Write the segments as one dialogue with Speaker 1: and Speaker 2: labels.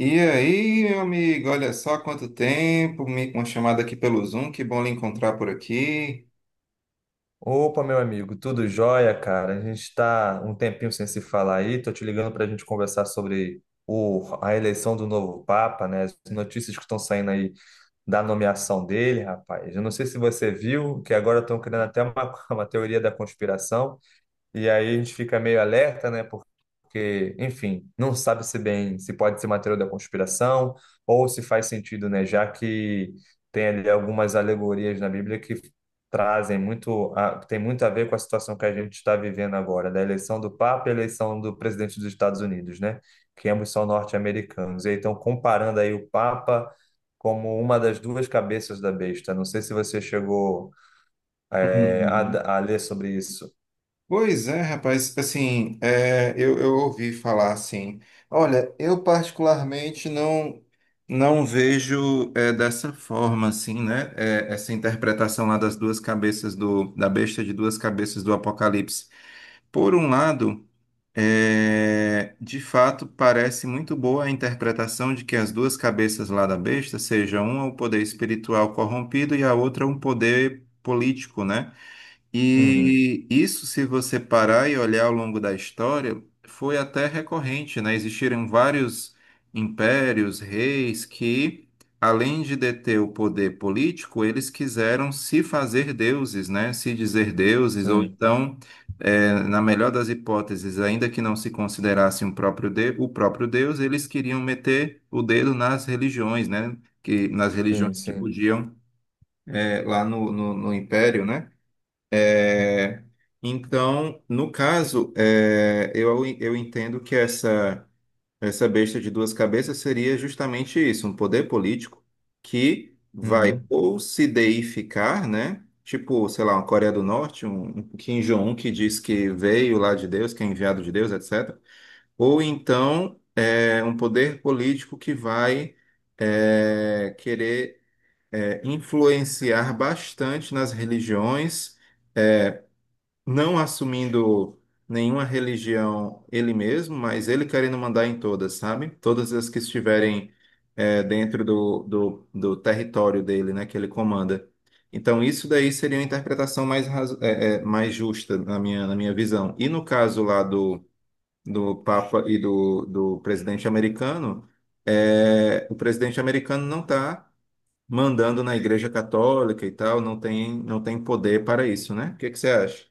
Speaker 1: E aí, meu amigo, olha só quanto tempo, uma chamada aqui pelo Zoom, que bom lhe encontrar por aqui.
Speaker 2: Opa, meu amigo, tudo jóia, cara? A gente está um tempinho sem se falar aí. Tô te ligando para a gente conversar sobre a eleição do novo Papa, né? As notícias que estão saindo aí da nomeação dele, rapaz. Eu não sei se você viu que agora estão criando até uma teoria da conspiração e aí a gente fica meio alerta, né? Porque, enfim, não sabe se bem se pode ser material da conspiração ou se faz sentido, né? Já que tem ali algumas alegorias na Bíblia que trazem tem muito a ver com a situação que a gente está vivendo agora, da eleição do Papa e a eleição do presidente dos Estados Unidos, né? Que ambos são norte-americanos. E aí estão comparando aí o Papa como uma das duas cabeças da besta. Não sei se você chegou,
Speaker 1: Uhum.
Speaker 2: a ler sobre isso.
Speaker 1: Pois é, rapaz, assim, eu ouvi falar assim, olha, eu particularmente não vejo dessa forma, assim, né, essa interpretação lá das duas cabeças da besta de duas cabeças do Apocalipse. Por um lado, é, de fato, parece muito boa a interpretação de que as duas cabeças lá da besta seja uma o poder espiritual corrompido e a outra um poder político, né?
Speaker 2: Uhum,
Speaker 1: E isso, se você parar e olhar ao longo da história, foi até recorrente, né? Existiram vários impérios, reis que, além de deter o poder político, eles quiseram se fazer deuses, né? Se dizer deuses, ou
Speaker 2: sim.
Speaker 1: então, na melhor das hipóteses, ainda que não se considerasse um o próprio deus, eles queriam meter o dedo nas religiões, né? Que, nas
Speaker 2: Sim,
Speaker 1: religiões que
Speaker 2: sim.
Speaker 1: podiam, lá no império, né? É, então, no caso, eu entendo que essa besta de duas cabeças seria justamente isso, um poder político que vai
Speaker 2: Uhum.
Speaker 1: ou se deificar, né? Tipo, sei lá, uma Coreia do Norte, um Kim Jong-un que diz que veio lá de Deus, que é enviado de Deus, etc. Ou então um poder político que vai querer influenciar bastante nas religiões, não assumindo nenhuma religião ele mesmo, mas ele querendo mandar em todas, sabe? Todas as que estiverem dentro do território dele, né, que ele comanda. Então, isso daí seria uma interpretação mais, mais justa na minha visão. E no caso lá do Papa e do presidente americano, é, o presidente americano não está mandando na Igreja Católica e tal, não tem, não tem poder para isso, né? O que que você acha?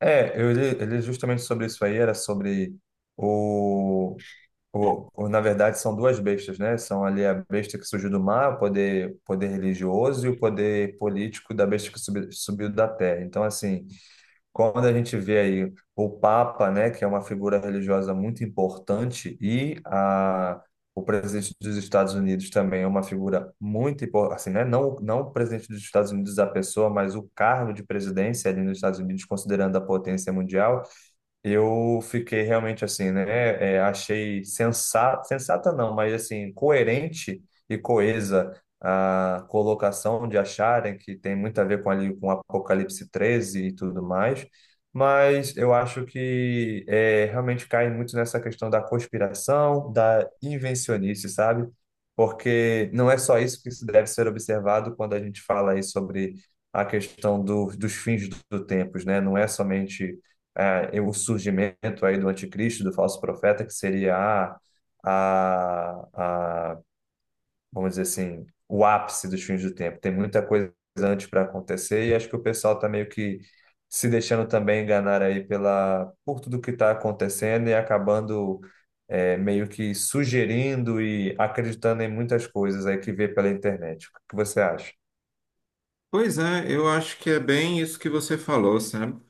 Speaker 2: É, eu li justamente sobre isso aí, era sobre o, Na verdade, são duas bestas, né? São ali a besta que surgiu do mar, o poder religioso, e o poder político da besta que subiu da terra. Então, assim. Quando a gente vê aí o Papa, né, que é uma figura religiosa muito importante, o presidente dos Estados Unidos também é uma figura muito importante, assim, né, não, não o presidente dos Estados Unidos a pessoa, mas o cargo de presidência ali nos Estados Unidos, considerando a potência mundial, eu fiquei realmente assim, né? Achei sensata, sensata não, mas assim, coerente e coesa a colocação de acharem que tem muito a ver com ali com Apocalipse 13 e tudo mais, mas eu acho que realmente cai muito nessa questão da conspiração, da invencionice, sabe? Porque não é só isso que se deve ser observado quando a gente fala aí sobre a questão dos fins do tempos, né? Não é somente o surgimento aí do anticristo, do falso profeta, que seria a, a, vamos dizer assim, o ápice dos fins do tempo. Tem muita coisa antes para acontecer e acho que o pessoal está meio que se deixando também enganar aí por tudo que está acontecendo e acabando meio que sugerindo e acreditando em muitas coisas aí que vê pela internet. O que você acha?
Speaker 1: Pois é, eu acho que é bem isso que você falou, sabe?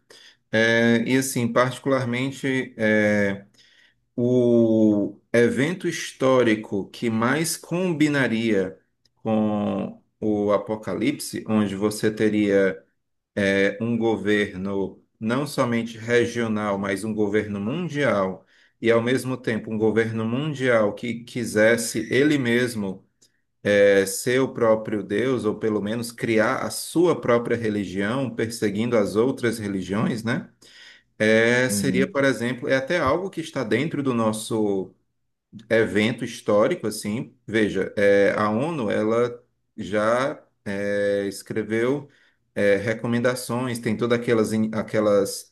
Speaker 1: É, e assim, particularmente, é, o evento histórico que mais combinaria com o Apocalipse, onde você teria um governo não somente regional, mas um governo mundial, e ao mesmo tempo um governo mundial que quisesse ele mesmo ser o próprio Deus, ou pelo menos criar a sua própria religião, perseguindo as outras religiões, né? É, seria,
Speaker 2: Uhum.
Speaker 1: por exemplo, é até algo que está dentro do nosso evento histórico, assim. Veja, é, a ONU, ela já escreveu recomendações, tem todas aquelas,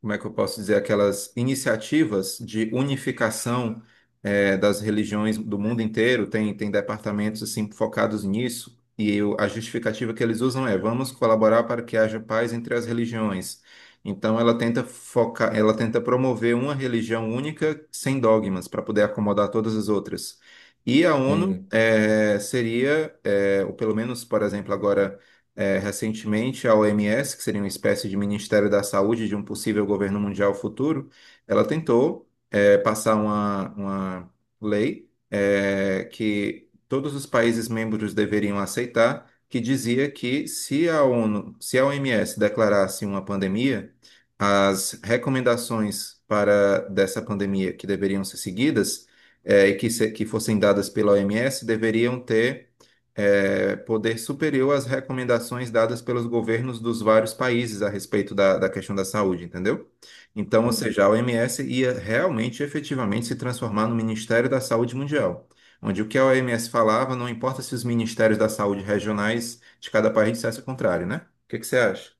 Speaker 1: como é que eu posso dizer, aquelas iniciativas de unificação das religiões do mundo inteiro, tem, tem departamentos assim focados nisso, e a justificativa que eles usam é vamos colaborar para que haja paz entre as religiões. Então ela tenta focar, ela tenta promover uma religião única sem dogmas para poder acomodar todas as outras. E a ONU
Speaker 2: E-
Speaker 1: ou pelo menos, por exemplo, agora recentemente, a OMS, que seria uma espécie de Ministério da Saúde de um possível governo mundial futuro, ela tentou, é, passar uma lei, é, que todos os países membros deveriam aceitar, que dizia que se a ONU, se a OMS declarasse uma pandemia, as recomendações para dessa pandemia que deveriam ser seguidas, é, e que, se- que fossem dadas pela OMS deveriam ter é, poder superior às recomendações dadas pelos governos dos vários países a respeito da questão da saúde, entendeu? Então, ou seja, a OMS ia realmente, efetivamente, se transformar no Ministério da Saúde Mundial, onde o que a OMS falava, não importa se os ministérios da saúde regionais de cada país dissessem o contrário, né? O que que você acha?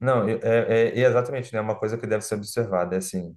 Speaker 2: Não, é exatamente, né? É uma coisa que deve ser observada, é assim,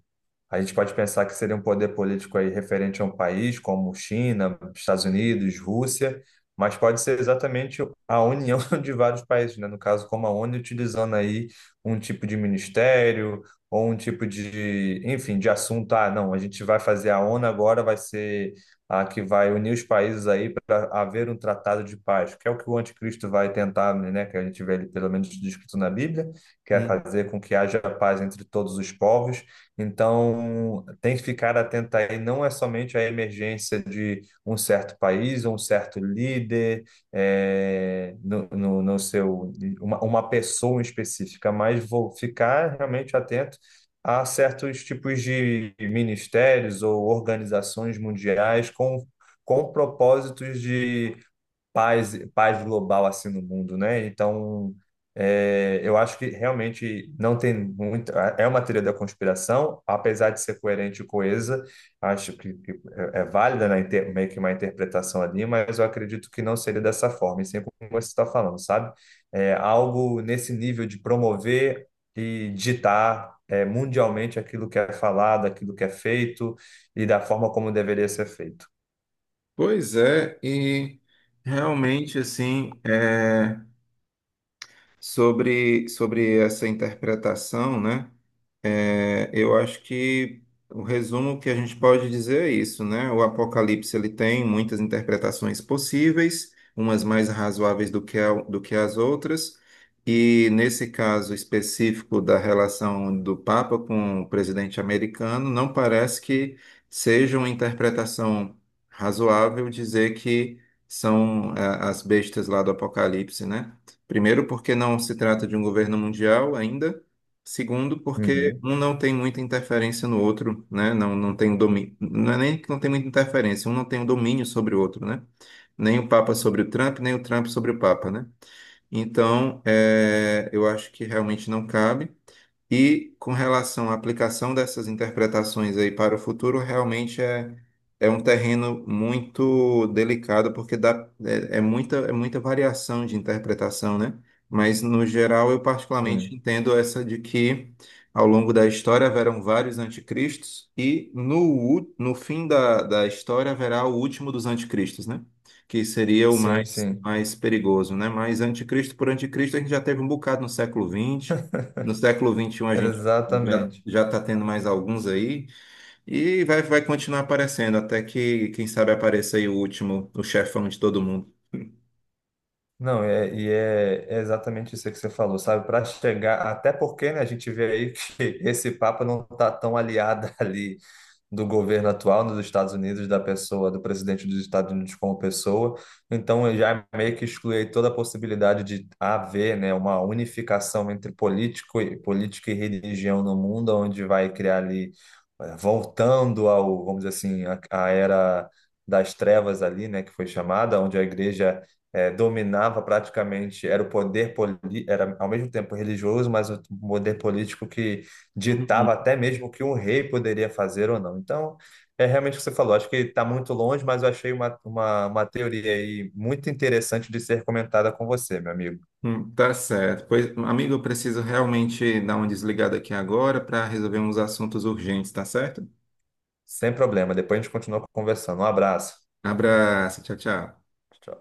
Speaker 2: a gente pode pensar que seria um poder político aí referente a um país como China, Estados Unidos, Rússia, mas pode ser exatamente a união de vários países, né? No caso, como a ONU, utilizando aí um tipo de ministério ou um tipo de, enfim, de assunto. Ah, não, a gente vai fazer a ONU agora, vai ser a que vai unir os países aí para haver um tratado de paz, que é o que o anticristo vai tentar, né? Que a gente vê ali pelo menos descrito na Bíblia quer
Speaker 1: Hum.
Speaker 2: fazer com que haja paz entre todos os povos. Então, tem que ficar atento aí, não é somente a emergência de um certo país, um certo líder, é, no, no, no, seu, uma pessoa específica, mas vou ficar realmente atento a certos tipos de ministérios ou organizações mundiais com, propósitos de paz, paz global assim no mundo, né? Então, eu acho que realmente não tem muito. É uma teoria da conspiração, apesar de ser coerente e coesa, acho que é válida, né, meio que uma interpretação ali, mas eu acredito que não seria dessa forma, e sempre como você está falando, sabe? É algo nesse nível de promover e ditar. Mundialmente aquilo que é falado, aquilo que é feito e da forma como deveria ser feito.
Speaker 1: Pois é, e realmente assim, é. Sobre, sobre essa interpretação, né? É, eu acho que o resumo que a gente pode dizer é isso, né? O Apocalipse ele tem muitas interpretações possíveis, umas mais razoáveis do que as outras, e nesse caso específico da relação do Papa com o presidente americano, não parece que seja uma interpretação razoável dizer que são eh, as bestas lá do Apocalipse, né? Primeiro, porque não se trata de um governo mundial ainda. Segundo, porque
Speaker 2: Uhum.
Speaker 1: um não tem muita interferência no outro, né? Não, não tem domínio. Não é nem que não tem muita interferência, um não tem o domínio sobre o outro, né? Nem o Papa sobre o Trump, nem o Trump sobre o Papa, né? Então, é, eu acho que realmente não cabe. E com relação à aplicação dessas interpretações aí para o futuro, realmente é, é um terreno muito delicado, porque dá, é muita variação de interpretação, né? Mas, no geral, eu particularmente
Speaker 2: Sim,
Speaker 1: entendo essa de que, ao longo da história, haverão vários anticristos e, no fim da história, haverá o último dos anticristos, né? Que seria o
Speaker 2: sim,
Speaker 1: mais,
Speaker 2: sim.
Speaker 1: mais perigoso, né? Mas anticristo por anticristo, a gente já teve um bocado no século 20, no século 21 a gente
Speaker 2: Exatamente.
Speaker 1: já está tendo mais alguns aí e vai, vai continuar aparecendo até que, quem sabe, apareça aí o último, o chefão de todo mundo.
Speaker 2: Não, é, é exatamente isso que você falou, sabe? Para chegar, até porque, né, a gente vê aí que esse Papa não está tão aliado ali do governo atual nos Estados Unidos, da pessoa, do presidente dos Estados Unidos como pessoa. Então, eu já meio que excluí toda a possibilidade de haver, né, uma unificação entre política e religião no mundo, onde vai criar ali, voltando vamos dizer assim, a era das trevas ali, né, que foi chamada, onde a igreja dominava praticamente, era o poder era ao mesmo tempo religioso, mas o poder político que ditava
Speaker 1: Uhum.
Speaker 2: até mesmo o que um rei poderia fazer ou não. Então, é realmente o que você falou, acho que está muito longe, mas eu achei uma teoria aí muito interessante de ser comentada com você, meu amigo.
Speaker 1: Tá certo. Pois, amigo, eu preciso realmente dar uma desligada aqui agora para resolver uns assuntos urgentes, tá certo?
Speaker 2: Sem problema, depois a gente continua conversando. Um abraço.
Speaker 1: Abraço, tchau, tchau.
Speaker 2: Tchau.